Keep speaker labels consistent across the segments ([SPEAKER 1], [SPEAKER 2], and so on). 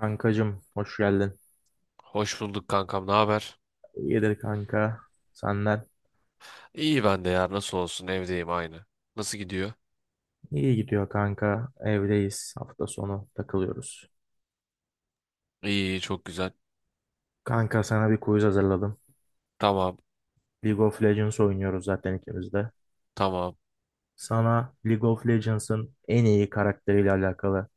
[SPEAKER 1] Kankacım, hoş geldin.
[SPEAKER 2] Hoş bulduk kankam, ne haber?
[SPEAKER 1] İyidir kanka. Senden
[SPEAKER 2] İyi ben de ya, nasıl olsun evdeyim aynı. Nasıl gidiyor?
[SPEAKER 1] iyi gidiyor kanka. Evdeyiz. Hafta sonu takılıyoruz.
[SPEAKER 2] İyi, iyi, çok güzel.
[SPEAKER 1] Kanka, sana bir quiz hazırladım.
[SPEAKER 2] Tamam,
[SPEAKER 1] League of Legends oynuyoruz zaten ikimiz de.
[SPEAKER 2] tamam.
[SPEAKER 1] Sana League of Legends'ın en iyi karakteriyle alakalı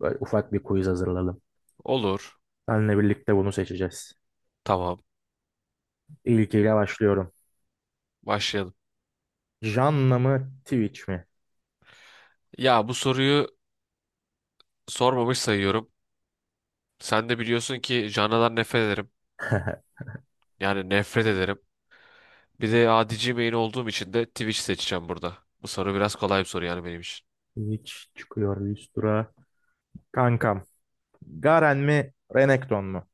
[SPEAKER 1] böyle ufak bir quiz hazırladım.
[SPEAKER 2] Olur.
[SPEAKER 1] Seninle birlikte bunu seçeceğiz.
[SPEAKER 2] Tamam,
[SPEAKER 1] İlkiyle başlıyorum.
[SPEAKER 2] başlayalım.
[SPEAKER 1] Janna mı Twitch mi?
[SPEAKER 2] Ya bu soruyu sormamış sayıyorum. Sen de biliyorsun ki canlıdan nefret ederim. Yani nefret ederim. Bir de adici main olduğum için de Twitch seçeceğim burada. Bu soru biraz kolay bir soru yani benim için.
[SPEAKER 1] Twitch çıkıyor Lystra. Kankam, Garen mi Renekton mu?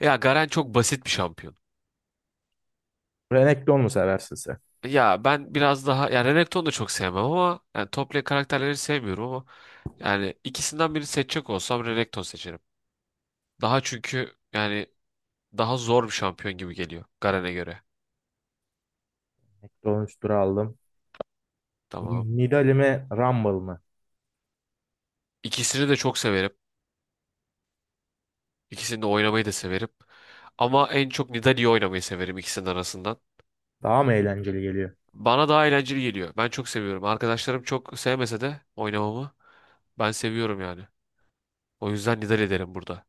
[SPEAKER 2] Ya Garen çok basit bir şampiyon.
[SPEAKER 1] Renekton mu seversin sen?
[SPEAKER 2] Ya ben biraz daha ya Renekton'u da çok sevmem ama yani Topley karakterleri sevmiyorum ama yani ikisinden biri seçecek olsam Renekton seçerim. Daha çünkü yani daha zor bir şampiyon gibi geliyor Garen'e göre.
[SPEAKER 1] Ekron üstüre aldım.
[SPEAKER 2] Tamam.
[SPEAKER 1] Nidali mi Rumble mı?
[SPEAKER 2] İkisini de çok severim. İkisini de oynamayı da severim. Ama en çok Nidalee'yi oynamayı severim ikisinin arasından.
[SPEAKER 1] Daha mı eğlenceli geliyor?
[SPEAKER 2] Bana daha eğlenceli geliyor. Ben çok seviyorum. Arkadaşlarım çok sevmese de oynamamı ben seviyorum yani. O yüzden Nidalee derim burada.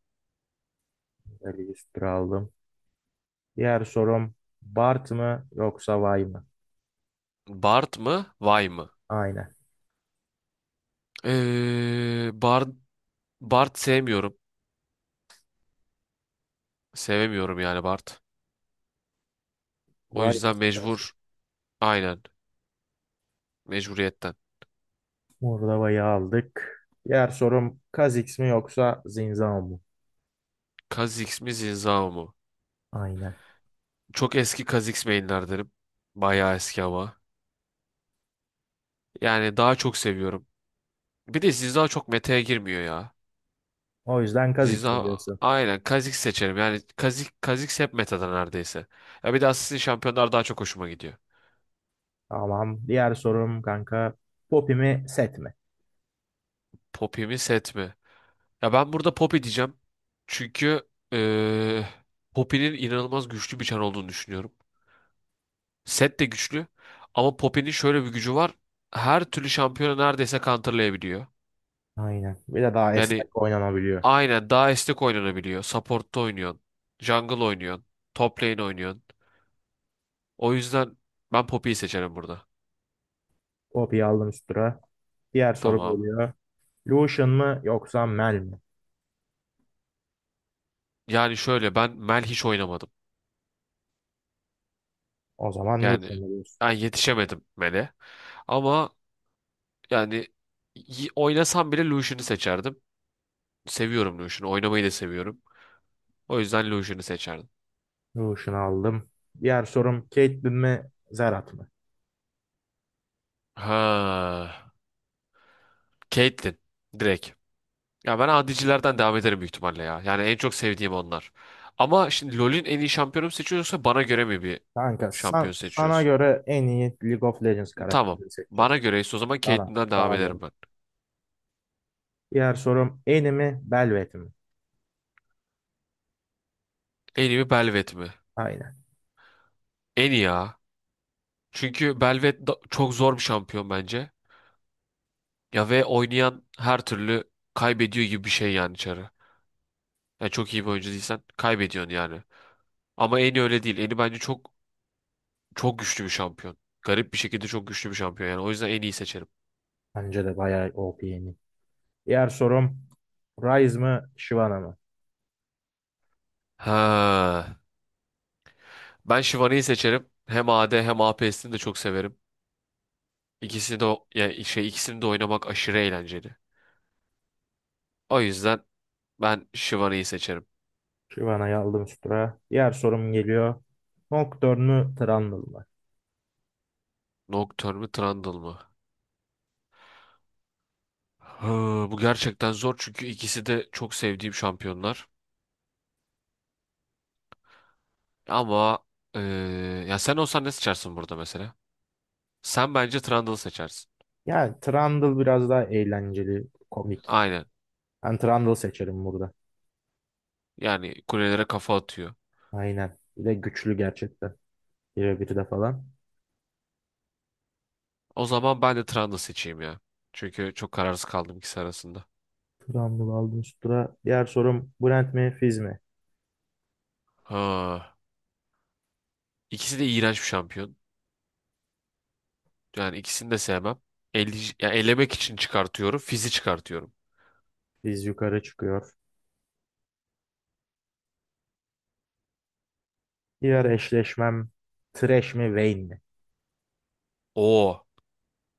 [SPEAKER 1] Nidali üstüre aldım. Diğer sorum, Bart mı yoksa Vay mı?
[SPEAKER 2] Bard mı? Vay mı?
[SPEAKER 1] Aynen.
[SPEAKER 2] Bard Bart sevmiyorum. Sevemiyorum yani Bart. O
[SPEAKER 1] Vay mı
[SPEAKER 2] yüzden
[SPEAKER 1] seçersin?
[SPEAKER 2] mecbur. Aynen. Mecburiyetten.
[SPEAKER 1] Burada Vay'ı aldık. Diğer sorum, Kha'Zix mi yoksa Zinzao mu?
[SPEAKER 2] Kha'Zix mi Zinzao mu?
[SPEAKER 1] Aynen.
[SPEAKER 2] Çok eski Kha'Zix mainlerdenim. Bayağı eski ama. Yani daha çok seviyorum. Bir de Zinzao çok meta'ya girmiyor ya.
[SPEAKER 1] O yüzden Kha'Zix mi
[SPEAKER 2] Zinzao
[SPEAKER 1] diyorsun?
[SPEAKER 2] aynen Kha'Zix seçerim. Yani Kha'Zix hep meta'da neredeyse. Ya bir de Assassin Şampiyonlar daha çok hoşuma gidiyor.
[SPEAKER 1] Tamam. Diğer sorum kanka, Poppy mi Set mi?
[SPEAKER 2] Poppy mi Set mi? Ya ben burada Poppy diyeceğim. Çünkü Poppy'nin inanılmaz güçlü bir çar olduğunu düşünüyorum. Set de güçlü. Ama Poppy'nin şöyle bir gücü var. Her türlü şampiyonu neredeyse counterlayabiliyor.
[SPEAKER 1] Aynen. Bir de daha
[SPEAKER 2] Yani
[SPEAKER 1] esnek oynanabiliyor.
[SPEAKER 2] aynen daha esnek oynanabiliyor. Support'ta oynuyorsun. Jungle oynuyorsun. Top lane oynuyorsun. O yüzden ben Poppy'yi seçerim burada.
[SPEAKER 1] Poppy'yi aldım üst tura. Diğer sorum
[SPEAKER 2] Tamam.
[SPEAKER 1] geliyor. Lucian mı yoksa Mel mi?
[SPEAKER 2] Yani şöyle ben Mel hiç oynamadım.
[SPEAKER 1] O zaman
[SPEAKER 2] Yani
[SPEAKER 1] Lucian mı?
[SPEAKER 2] ben yetişemedim Mel'e. Ama yani Oynasam bile Lucian'ı seçerdim. Seviyorum Lucian'ı. Oynamayı da seviyorum. O yüzden Lucian'ı seçerdim.
[SPEAKER 1] Lotion'u aldım. Diğer sorum, Caitlyn mi Zerat mı?
[SPEAKER 2] Ha, Caitlyn direkt. Ya ben adicilerden devam ederim büyük ihtimalle ya. Yani en çok sevdiğim onlar. Ama şimdi LoL'ün en iyi şampiyonu mu seçiyorsa bana göre mi bir
[SPEAKER 1] Kanka,
[SPEAKER 2] şampiyon
[SPEAKER 1] sana
[SPEAKER 2] seçiyoruz?
[SPEAKER 1] göre en iyi League of Legends
[SPEAKER 2] Tamam.
[SPEAKER 1] karakterini seçeceğiz.
[SPEAKER 2] Bana göreyse o zaman
[SPEAKER 1] Sana,
[SPEAKER 2] Caitlyn'den devam
[SPEAKER 1] sana göre.
[SPEAKER 2] ederim ben.
[SPEAKER 1] Diğer sorum, Annie mi Belvet mi?
[SPEAKER 2] En iyi mi Belvet mi?
[SPEAKER 1] Aynen.
[SPEAKER 2] En iyi ya. Çünkü çok zor bir şampiyon bence. Ya ve oynayan her türlü kaybediyor gibi bir şey yani içeri. Yani çok iyi bir oyuncu değilsen kaybediyorsun yani. Ama en iyi öyle değil. En iyi bence çok çok güçlü bir şampiyon. Garip bir şekilde çok güçlü bir şampiyon yani. O yüzden en iyi seçerim.
[SPEAKER 1] Bence de bayağı OP Annie. Diğer sorum, Ryze mı Shyvana mı?
[SPEAKER 2] Ha. Ben Shivani'yi seçerim. Hem AD hem APS'ini de çok severim. İkisini de ikisini de oynamak aşırı eğlenceli. O yüzden ben Shivani'yi seçerim.
[SPEAKER 1] Shyvana'yı aldım üst tura. Diğer sorum geliyor. Nocturne mü Trundle mı?
[SPEAKER 2] Nocturne mı Trundle mı? Hı, bu gerçekten zor çünkü ikisi de çok sevdiğim şampiyonlar. Ama eee, Ya sen olsan ne seçersin burada mesela? Sen bence Trundle seçersin.
[SPEAKER 1] Yani Trundle biraz daha eğlenceli, komik.
[SPEAKER 2] Aynen.
[SPEAKER 1] Ben Trundle seçerim burada.
[SPEAKER 2] Yani kulelere kafa atıyor.
[SPEAKER 1] Aynen. Bir de güçlü gerçekten. Bire bir de falan.
[SPEAKER 2] O zaman ben de Trundle seçeyim ya. Çünkü çok kararsız kaldım ikisi arasında.
[SPEAKER 1] Turan Baldestura. Diğer sorum, Brent mi Fizz mi?
[SPEAKER 2] Ha, ikisi de iğrenç bir şampiyon. Yani ikisini de sevmem. Yani elemek için çıkartıyorum. Fizi çıkartıyorum.
[SPEAKER 1] Fizz yukarı çıkıyor. Diğer eşleşmem, Thresh mi Vayne mi?
[SPEAKER 2] Oo.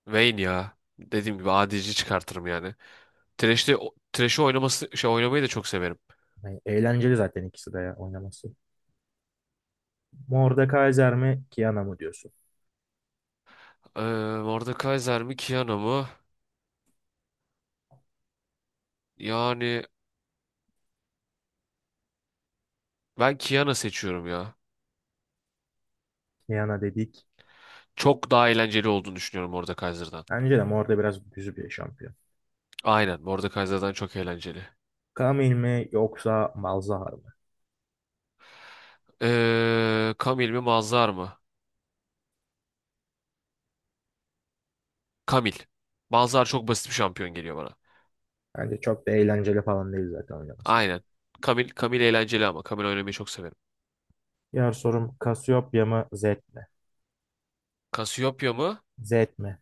[SPEAKER 2] Vayne ya. Dediğim gibi ADC çıkartırım yani. Thresh'i oynaması şey oynamayı da çok severim.
[SPEAKER 1] Yani eğlenceli zaten ikisi de ya oynaması. Mordekaiser mi Kiana mı diyorsun?
[SPEAKER 2] Ee, Mordekaiser mi Kiana mı? Yani ben Kiana seçiyorum ya.
[SPEAKER 1] Kiana dedik.
[SPEAKER 2] Çok daha eğlenceli olduğunu düşünüyorum Mordekaiser'dan.
[SPEAKER 1] Bence de Morde biraz düzü bir şampiyon.
[SPEAKER 2] Aynen Mordekaiser'dan çok eğlenceli.
[SPEAKER 1] Camille mi yoksa Malzahar mı?
[SPEAKER 2] Camille mi Mazhar mı? Kamil. Bazılar çok basit bir şampiyon geliyor bana.
[SPEAKER 1] Bence çok da eğlenceli falan değil zaten oynaması.
[SPEAKER 2] Aynen. Kamil eğlenceli ama. Kamil oynamayı çok severim.
[SPEAKER 1] Diğer sorum, Cassiopeia mı Zed mi?
[SPEAKER 2] Cassiopeia mı?
[SPEAKER 1] Zed mi?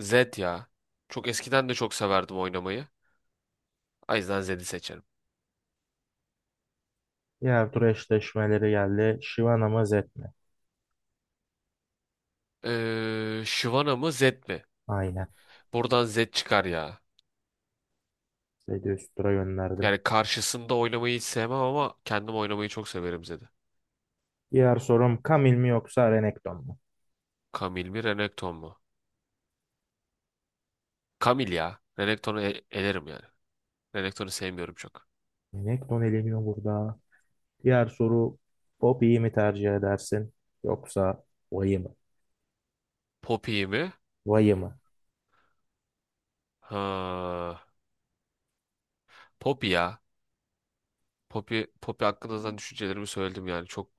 [SPEAKER 2] Zed ya. Çok eskiden de çok severdim oynamayı. O yüzden Zed'i seçerim.
[SPEAKER 1] Diğer tur eşleşmeleri geldi. Shyvana mı Zed mi?
[SPEAKER 2] Shyvana mı Zed mi?
[SPEAKER 1] Aynen.
[SPEAKER 2] Buradan Zed çıkar ya.
[SPEAKER 1] Zed'i üst tura gönderdim.
[SPEAKER 2] Yani karşısında oynamayı hiç sevmem ama kendim oynamayı çok severim Zed'i.
[SPEAKER 1] Diğer sorum, kamil mi yoksa Renekton mu?
[SPEAKER 2] Kamil mi Renekton mu? Kamil ya. Elerim yani. Renekton'u sevmiyorum çok.
[SPEAKER 1] Renekton eleniyor burada. Diğer soru, Poppy'yi mi tercih edersin yoksa Vay'ı mı?
[SPEAKER 2] Poppy mi?
[SPEAKER 1] Vay'ı mı?
[SPEAKER 2] Ha, Poppy ya. Poppy hakkında zaten düşüncelerimi söyledim yani. Çok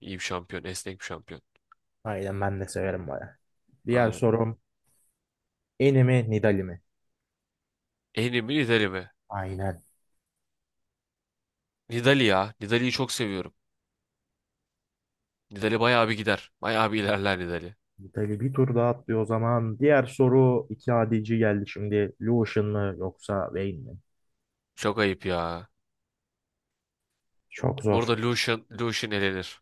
[SPEAKER 2] iyi bir şampiyon. Esnek bir şampiyon.
[SPEAKER 1] Aynen, ben de severim Vay'ı. Diğer
[SPEAKER 2] Aynen.
[SPEAKER 1] sorum, Eni mi Nidalee mi?
[SPEAKER 2] En mi Nidali mi?
[SPEAKER 1] Aynen.
[SPEAKER 2] Nidali ya. Nidali'yi çok seviyorum. Nidali bayağı bir gider. Bayağı bir ilerler Nidali.
[SPEAKER 1] Nidalee bir tur daha atlıyor o zaman. Diğer soru, iki adici geldi şimdi. Lucian mı yoksa Vayne mi?
[SPEAKER 2] Çok ayıp ya.
[SPEAKER 1] Çok zor.
[SPEAKER 2] Burada Lucian elenir.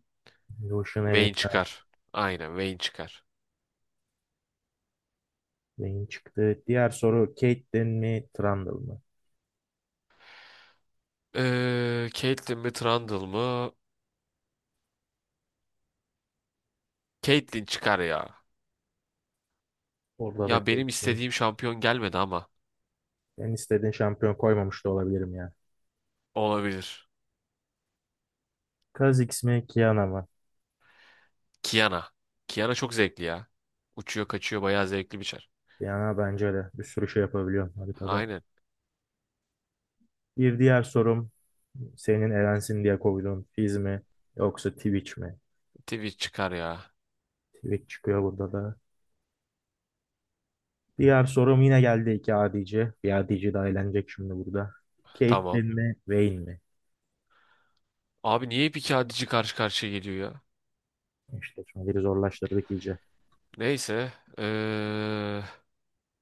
[SPEAKER 1] Lucian
[SPEAKER 2] Vayne
[SPEAKER 1] elinde.
[SPEAKER 2] çıkar. Aynen Vayne çıkar.
[SPEAKER 1] Vayne çıktı. Diğer soru, Caitlyn mi Trundle mı?
[SPEAKER 2] Caitlyn mi Trundle mı? Caitlyn çıkar ya.
[SPEAKER 1] Orada da
[SPEAKER 2] Ya benim
[SPEAKER 1] Caitlyn.
[SPEAKER 2] istediğim şampiyon gelmedi ama.
[SPEAKER 1] Ben istediğin şampiyon koymamış da olabilirim ya.
[SPEAKER 2] Olabilir.
[SPEAKER 1] Kaz X mi Kiana mı?
[SPEAKER 2] Kiana. Kiana çok zevkli ya. Uçuyor kaçıyor bayağı zevkli bir çar.
[SPEAKER 1] Kiana bence de bir sürü şey yapabiliyor haritada.
[SPEAKER 2] Aynen.
[SPEAKER 1] Bir diğer sorum, senin Erensin diye koyduğun Fizz mi yoksa Twitch mi?
[SPEAKER 2] Twitch çıkar ya.
[SPEAKER 1] Twitch çıkıyor burada da. Diğer sorum yine geldi, iki adici. Bir adici daha eğlenecek şimdi burada.
[SPEAKER 2] Tamam.
[SPEAKER 1] Caitlyn mi Vayne mi?
[SPEAKER 2] Abi niye hep iki adici karşı karşıya geliyor ya?
[SPEAKER 1] İşte şimdi biri zorlaştırdık iyice.
[SPEAKER 2] Neyse.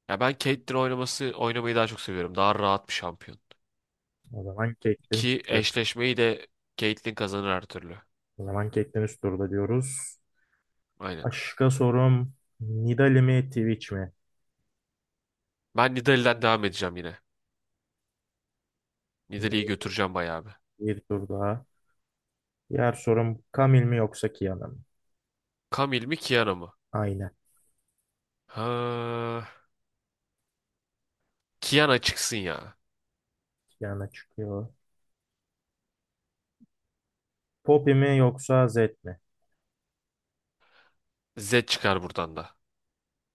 [SPEAKER 2] Ya ben Caitlyn oynaması oynamayı daha çok seviyorum. Daha rahat bir şampiyon.
[SPEAKER 1] O zaman Caitlyn
[SPEAKER 2] Ki
[SPEAKER 1] çıktı.
[SPEAKER 2] eşleşmeyi de Caitlyn kazanır her türlü.
[SPEAKER 1] O zaman Caitlyn üst turda diyoruz.
[SPEAKER 2] Aynen.
[SPEAKER 1] Başka sorum, Nidalee mi Twitch mi?
[SPEAKER 2] Ben Nidalee'den devam edeceğim yine. Nidalee'yi götüreceğim bayağı bir.
[SPEAKER 1] Bir tur daha. Diğer sorum, Camille mi yoksa Kiana mı?
[SPEAKER 2] Camille mi Kiana mı?
[SPEAKER 1] Aynen.
[SPEAKER 2] Ha, Kiana çıksın ya.
[SPEAKER 1] Yana çıkıyor. Poppy mi yoksa Zed mi?
[SPEAKER 2] Zed çıkar buradan da.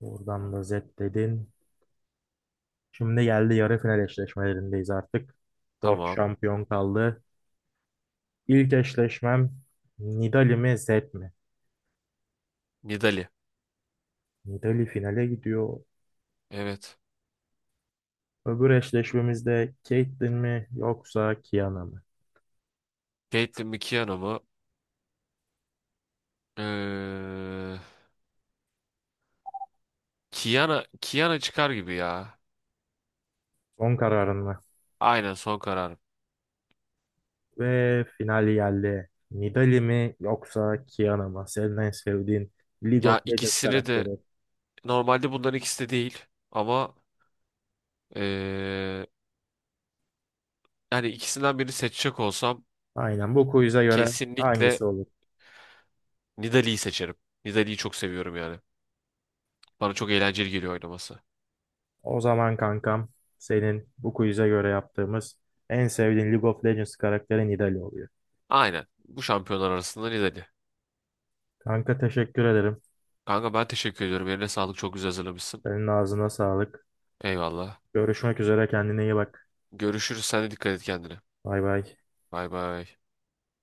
[SPEAKER 1] Buradan da Zed dedin. Şimdi geldi, yarı final eşleşmelerindeyiz artık. Dört
[SPEAKER 2] Tamam.
[SPEAKER 1] şampiyon kaldı. İlk eşleşmem, Nidali mi Zed mi?
[SPEAKER 2] Nidalee.
[SPEAKER 1] Nidali finale gidiyor.
[SPEAKER 2] Evet.
[SPEAKER 1] Öbür eşleşmemizde Caitlyn mi yoksa Kiana mı?
[SPEAKER 2] Caitlyn mi Kiana mı? Eee Kiana çıkar gibi ya.
[SPEAKER 1] Son kararın mı?
[SPEAKER 2] Aynen son karar.
[SPEAKER 1] Ve final geldi. Nidali mi yoksa Kiana mı? Senin en sevdiğin League
[SPEAKER 2] Ya
[SPEAKER 1] of Legends
[SPEAKER 2] ikisini de
[SPEAKER 1] karakteri.
[SPEAKER 2] normalde bunların ikisi de değil ama eee, yani ikisinden birini seçecek olsam
[SPEAKER 1] Aynen, bu quiz'e göre hangisi
[SPEAKER 2] kesinlikle
[SPEAKER 1] olur?
[SPEAKER 2] Nidalee'yi seçerim. Nidalee'yi çok seviyorum yani. Bana çok eğlenceli geliyor oynaması.
[SPEAKER 1] O zaman kankam, senin bu quiz'e göre yaptığımız en sevdiğin League of Legends karakterin Nidalee oluyor.
[SPEAKER 2] Aynen. Bu şampiyonlar arasında Nidalee.
[SPEAKER 1] Kanka, teşekkür ederim.
[SPEAKER 2] Kanka ben teşekkür ediyorum. Eline sağlık. Çok güzel hazırlamışsın.
[SPEAKER 1] Senin ağzına sağlık.
[SPEAKER 2] Eyvallah.
[SPEAKER 1] Görüşmek üzere, kendine iyi bak.
[SPEAKER 2] Görüşürüz. Sen de dikkat et kendine.
[SPEAKER 1] Bay bay.
[SPEAKER 2] Bay bay.